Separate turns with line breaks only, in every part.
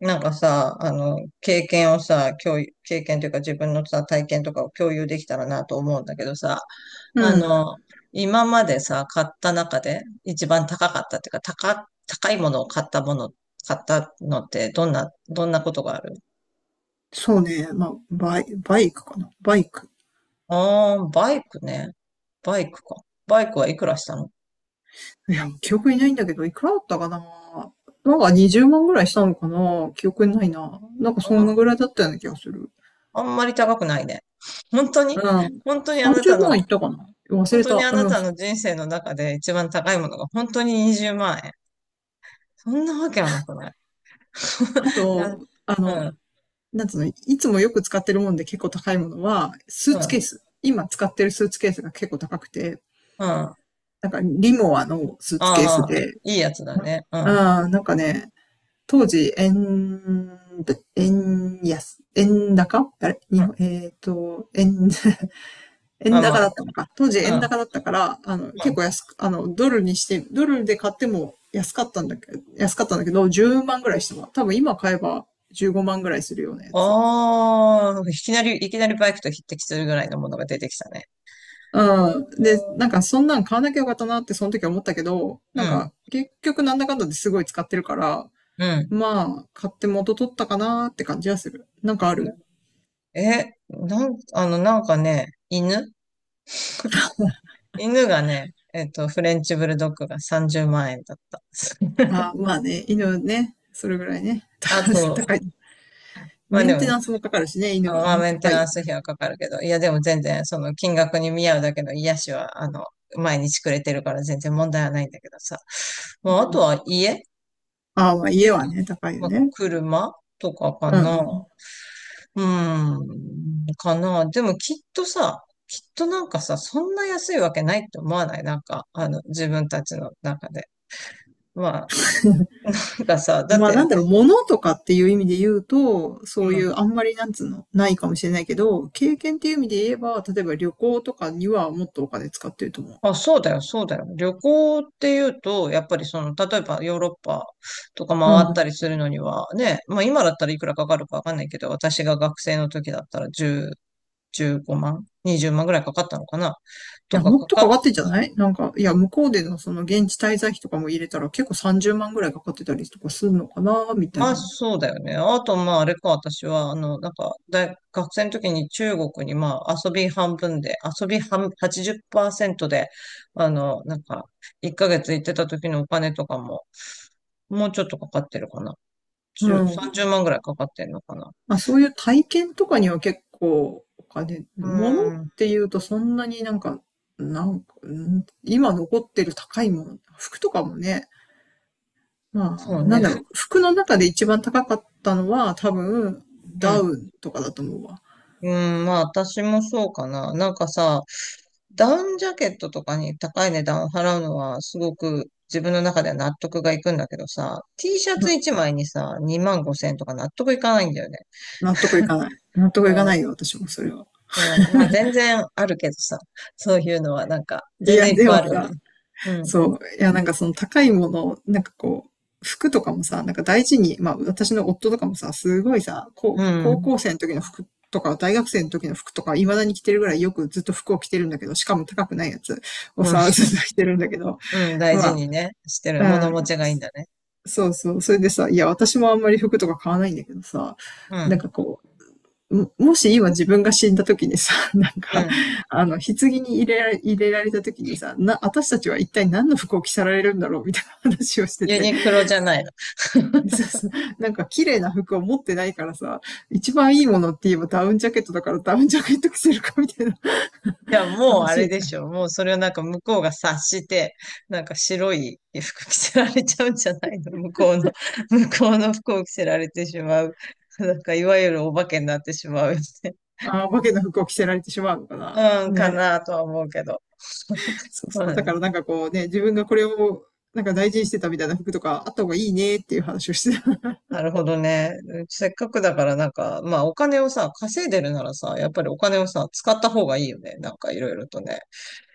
なんかさ、経験をさ、経験というか自分のさ、体験とかを共有できたらなと思うんだけどさ、あ
うん。
の、今までさ、買った中で一番高かったっていうか、高いものを買ったもの、買ったのってどんな、ことがある？
そうね。まあ、バイクかな。バイク。
ああー、バイクね。バイクか。バイクはいくらしたの？
いや、記憶にないんだけど、いくらだったかな。なんか20万ぐらいしたのかな。記憶にないな。なんか
あ
その
ん、
ぐらいだったような気がする。
あんまり高くないね。本当に
うん。
本当にあな
30
たの
万いったかな。忘れた。うん。
人生の中で一番高いものが本当に20万円。そんなわけはなくない？
あ
なん、
と、あ
う
の、
ん、
なんつうの、いつもよく使ってるもんで結構高いものは、スー
う
ツケー
ん、
ス。今使ってるスーツケースが結構高くて、
うん。あ
なんかリモアのスーツケース
あ、
で、
いいやつだね。う
うん、
ん、
なんかね、当時、円安、円高あれ
う
日
ん。
本、えっ、と、円、円
あ、
高
ま
だったのか。当時
あ、
円
う
高だったから、
ん、う
結
ん。
構安く、ドルにして、ドルで買っても安かったんだけど、10万ぐらいしたも多分今買えば15万ぐらいするようなやつ。
ああ、いきなりバイクと匹敵するぐらいのものが出てきたね。う
うん。で、なん
ん、
かそんなん買わなきゃよかったなってその時は思ったけど、
う
なん
ん。
か結局なんだかんだですごい使ってるから、
うん。
まあ、買って元取ったかなーって感じはする。なんかある。
え、なんかね、犬がね、フレンチブルドッグが30万円だった。
ああ、まあね、犬ね、それぐらいね。
あと、
高い。
まあ
メ
で
ンテ
も
ナ
ね、
ンスもかかるしね、犬は
まあ、
ね、
メンテ
高い
ナ
よ
ンス
ね。
費はかかるけど、いや、でも全然、その金額に見合うだけの癒しは、毎日くれてるから全然問題はないんだけどさ。ま
う
あ、あと
ん。
は
ああ、まあ家
家
は
と、
ね、高いよ
まあ、
ね。
車とかか
う
な。
んうん。
うーん、かな。でもきっとさ、きっとなんかさ、そんな安いわけないって思わないなんか、自分たちの中で。まあ、なんかさ、だっ
まあなん
て、
だろう、物とかっていう意味で言うと、そういうあんまりなんつうの、ないかもしれないけど、経験っていう意味で言えば、例えば旅行とかにはもっとお金使ってると思
あ、そうだよ、そうだよ。旅行っていうと、やっぱりその、例えばヨーロッパとか
う。う
回った
ん。
りするのには、ね、まあ今だったらいくらかかるかわかんないけど、私が学生の時だったら10、15万、20万ぐらいかかったのかな、
い
と
や、
か
もっ
か
とか
かっ、
かってんじゃない、なんか、いや、向こうでのその現地滞在費とかも入れたら結構30万ぐらいかかってたりとかするのかな、みた
ま
い
あ
な。
そうだよね。あとまああれか、私は、なんか学生の時に中国にまあ遊び半分で、遊び半、80%で、なんか、1ヶ月行ってた時のお金とかも、もうちょっとかかってるかな。
う
10、30
ん。
万ぐらいかかってんのかな。
まあ、そういう体験とかには結構お金、
う
物っ
ーん、
ていうとそんなになんか、なんか、うん今残ってる高いもの、服とかもね、
そう
まあ、な
ね、
んだろう、服の中で一番高かったのは多分、
う
ダ
ん。
ウンとかだと思うわ。
うん、まあ私もそうかな。なんかさ、ダウンジャケットとかに高い値段を払うのはすごく自分の中では納得がいくんだけどさ、T シャ
う
ツ
ん。
1枚にさ、2万5千円とか納得いかないんだよね。
納得いかない。納得いかな
う
いよ、私もそれは。
ん、うん、まあ全然あるけどさ、そういうのはなんか
い
全然
や、
いっ
で
ぱい
も
あるよね。
さ、
うん、
そう。いや、なんかその高いもの、服とかもさ、なんか大事に、まあ私の夫とかもさ、すごいさ、
う
こう高
ん、
校生の時の服とか、大学生の時の服とか、未だに着てるぐらいよくずっと服を着てるんだけど、しかも高くないやつを
うん、
さ、ずっと着てるんだけど、
うん、大
ま
事
あ、
にね、してる。
う
物
ん、
持ちがいいんだね。
そうそう。それでさ、いや、私もあんまり服とか買わないんだけどさ、
う
なん
ん、
かこう、もし今自分が死んだ時にさ、なん
う
か、
ん。
あの、棺に入れられ、入れられた時にさ、私たちは一体何の服を着せられるんだろうみたいな話をして
ユ
て、
ニクロじゃない？
そうそう、なんか綺麗な服を持ってないからさ、一番いいものって言えばダウンジャケットだからダウンジャケット着せるかみたいな
いや、もうあ
話
れ
に
で
なる。
しょ。もうそれをなんか向こうが察して、なんか白い服着せられちゃうんじゃないの、向こうの。向こうの服を着せられてしまう。なんかいわゆるお化けになってしまうよね。
ああ、お化けの服を着せられてしまうのか な。
うん、か
ね。
なとは思うけど。
そうそ
ま
う。
あ
だか
ね。
らなんかこうね、自分がこれをなんか大事にしてたみたいな服とかあった方がいいねっていう話をしてた。
なるほどね。せっかくだからなんか、まあお金をさ、稼いでるならさ、やっぱりお金をさ、使った方がいいよね。なんかいろいろとね。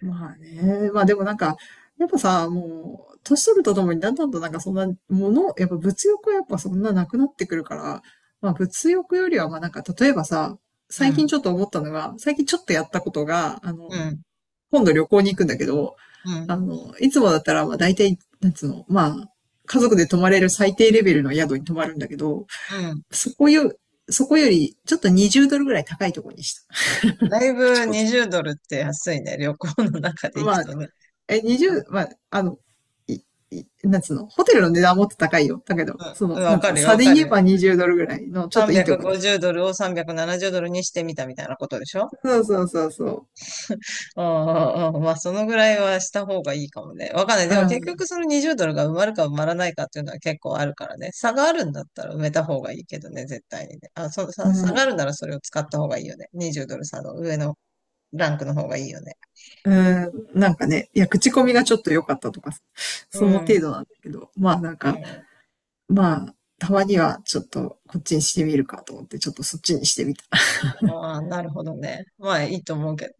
まあね。まあでもなんか、やっぱさ、もう、年取るとともにだんだんとなんかそんなもの、やっぱ物欲はやっぱそんななくなってくるから、まあ物欲よりはまあなんか例えばさ、
う
最近
ん、
ちょっと思ったのが、最近ちょっとやったことが、あ
う
の、
ん、
今度旅行に行くんだけど、
う
あ
ん、
の、いつもだったらまあ大体、なんつうの、まあ、家族で泊まれる最低レベルの宿に泊まるんだけど、
うん。
そこよ、そこよりちょっと20ドルぐらい高いところにした。
だい
口
ぶ
コミ。
20ドルって安いね。旅行の中で行く
まあ、
とね。
え、20、
う
ま
ん、
あ、あの、い、い、なんつうの、ホテルの値段はもっと高いよ。だけど、そ
うん
の、
わ
なんつう
か
の、
るよ、
差
わ
で
かる
言え
よ。
ば20ドルぐらいの、ちょっといいとこに。
350ドルを370ドルにしてみたみたいなことでしょ？
そうそうそうそ
うんうんうん。まあ、そのぐらいはした方がいいかもね。わかんない。
う。
で
う
も結局
ん、
その20ドルが埋まるか埋まらないかっていうのは結構あるからね。差があるんだったら埋めた方がいいけどね、絶対にね。あ、
う
差があ
ん、
るならそれを使った方がいいよね。20ドル差の上のランクの方がいいよね。
うん、なんかね、いや、口コミがちょっと良かったとか、
う
その程
ん。
度なんだけど、まあなん
う
か、
ん。
まあ、たまにはちょっとこっちにしてみるかと思って、ちょっとそっちにしてみた。
ああ、なるほどね。まあ、いいと思うけど。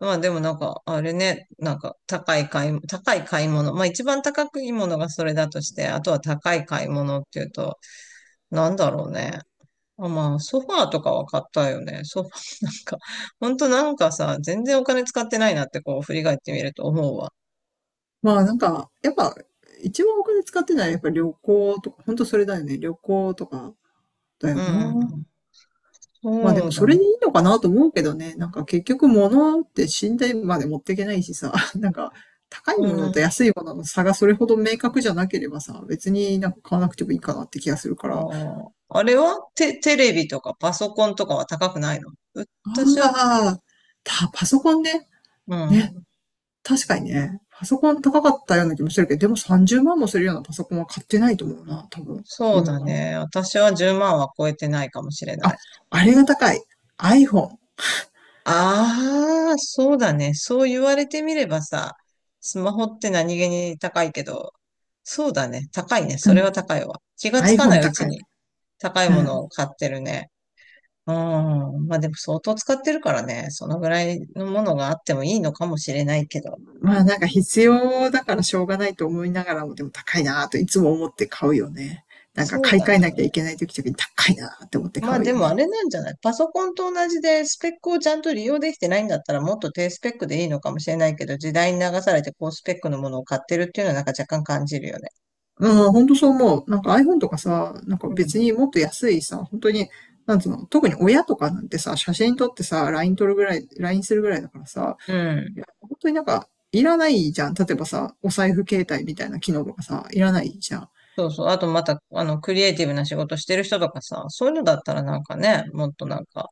まあでもなんか、あれね、なんか高い買い物。まあ一番高くいいものがそれだとして、あとは高い買い物っていうと、なんだろうね。あ、まあソファーとかは買ったよね。ソファー。 なんか、ほんとなんかさ、全然お金使ってないなってこう振り返ってみると思うわ。
まあなんか、やっぱ、一番お金使ってないのはやっぱ旅行とか、ほんとそれだよね。旅行とかだよ
う
な。
ん。
まあで
そ
も
うだ
それ
ね。
でいいのかなと思うけどね。なんか結局物って信頼まで持っていけないしさ、なんか高い
う
ものと
ん。
安いものの差がそれほど明確じゃなければさ、別になんか買わなくてもいいかなって気がするか
あ
ら。あ
ー、あれはテレビとかパソコンとかは高くないの？私は、
あ、パソコンね。
う
ね。
ん。
確かにね。パソコン高かったような気もするけど、でも30万もするようなパソコンは買ってないと思うな、多分。
そう
今
だ
は。
ね。私は10万は超えてないかもしれな
あ、
い。
あれが高い。iPhone。
ああ、そうだね。そう言われてみればさ、スマホって何気に高いけど、そうだね。高いね。
う
それ
ん。
は高いわ。気がつかな
iPhone
いう
高
ち
い。
に高い
う
もの
ん。
を買ってるね。うん。まあでも相当使ってるからね。そのぐらいのものがあってもいいのかもしれないけど。
まあなんか必要だからしょうがないと思いながらも、でも高いなぁといつも思って買うよね。なんか
そう
買い
だ
替えなきゃい
ね。
けない時とに高いなぁって思って
ま
買
あ
う
で
よ
もあ
ね。
れなんじゃない？パソコンと同じでスペックをちゃんと利用できてないんだったらもっと低スペックでいいのかもしれないけど、時代に流されて高スペックのものを買ってるっていうのはなんか若干感じるよね。
うん、ほんとそう思う。なんか iPhone とかさ、なんか別にもっと安いさ、本当に、なんつうの、特に親とかなんてさ、写真撮ってさ、LINE するぐらいだからさ、
う
い
ん。
や、本当になんかいらないじゃん。例えばさ、お財布携帯みたいな機能とかさ、いらないじゃん。
そうそう。あとまた、クリエイティブな仕事してる人とかさ、そういうのだったらなんかね、もっとなんか、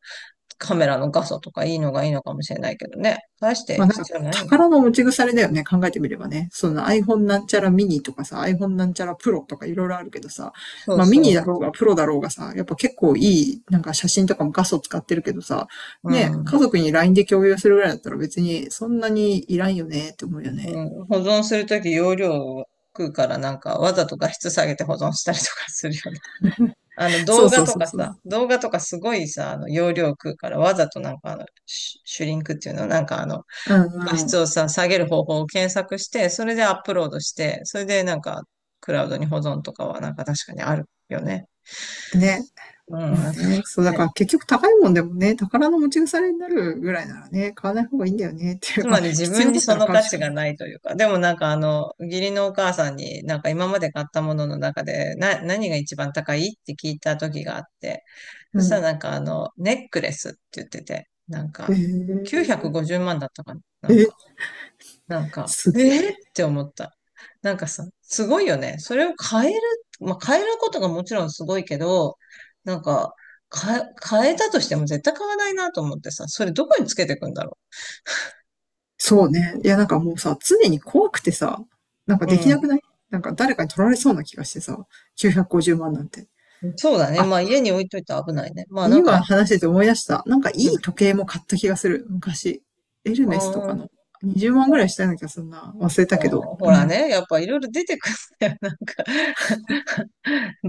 カメラの画素とかいいのがいいのかもしれないけどね。大して
まあなんか、
必要ないよ。
宝の持ち腐れだよね、考えてみればね。その iPhone なんちゃらミニとかさ、iPhone なんちゃらプロとかいろいろあるけどさ、
そう
まあミニだ
そ
ろうがプロだろうがさ、やっぱ結構いい、なんか写真とかも画素使ってるけどさ、
う。う
ね、家
ん。
族に LINE で共有するぐらいだったら別にそんなにいらんよねって思うよね。
うん、保存するとき容量を食うからなんか、わざと画質下げて保存したりとかするよね。
そうそうそうそう。
動画とかすごいさ、容量食うから、わざとなんかシュシュリンクっていうの、なんか
う
画
ん
質
う
をさ、下げる方法を検索して、それでアップロードして、それでなんか、クラウドに保存とかはなんか確かにあるよね。
ん。ね。
うん。
まあ
なんか
ね、そうだ
ね。
から結局高いもんでもね、宝の持ち腐れになるぐらいならね、買わない方がいいんだよねって、
つ
ま
ま
あ
り自
必
分
要
に
だった
そ
ら
の
買う
価
し
値
かな
が
い。
ないというか、でもなんか義理のお母さんになんか今まで買ったものの中で、何が一番高いって聞いた時があって、そ
う
したら
ん。
なんかネックレスって言ってて、なん
へ
か、950
え。
万だったかな。なん
え、
か
す
え
げ
ー、っ
え。
て思った。なんかさ、すごいよね。それを変える、まあ、変えることがもちろんすごいけど、なんか、か、変えたとしても絶対買わないなと思ってさ、それどこにつけていくんだろ
そうね。いや、なんかもうさ、常に怖くてさ、なんか
う。
でき
う
なくない？なんか誰かに取られそうな気がしてさ、950万なんて。
ん。そうだね。
あ、
まあ家に置いといて危ないね。まあなん
今
か、
話してて思い出した。なんかい
う
い
ん。
時計も買った気がする。昔。エル
あ
メスとかの。
ー
20万ぐらいしたような気がするな。忘れ
あ
たけど。
ー、ほ
う
ら
ん。
ね、やっぱいろいろ出てくるんだよ。なんか、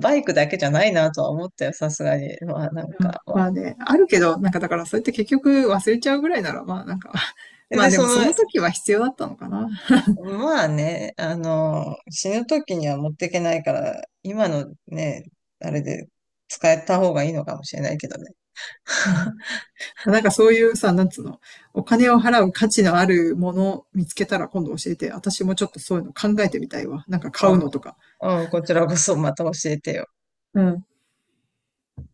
バイクだけじゃないなとは思ったよ、さすがに。まあなん
うん、
か、
まあね、あるけど、なんかだからそうやって結局忘れちゃうぐらいなら、まあなんか まあ
で
でもその時は必要だったのかな。
まあね、死ぬ時には持っていけないから、今のね、あれで使えた方がいいのかもしれないけどね。
うん。 なんかそういうさ、なんつうの、お金を払う価値のあるものを見つけたら今度教えて、私もちょっとそういうの考えてみたいわ。なんか
う
買う
ん、
のとか。
うん、こちらこそまた教えてよ。
うん。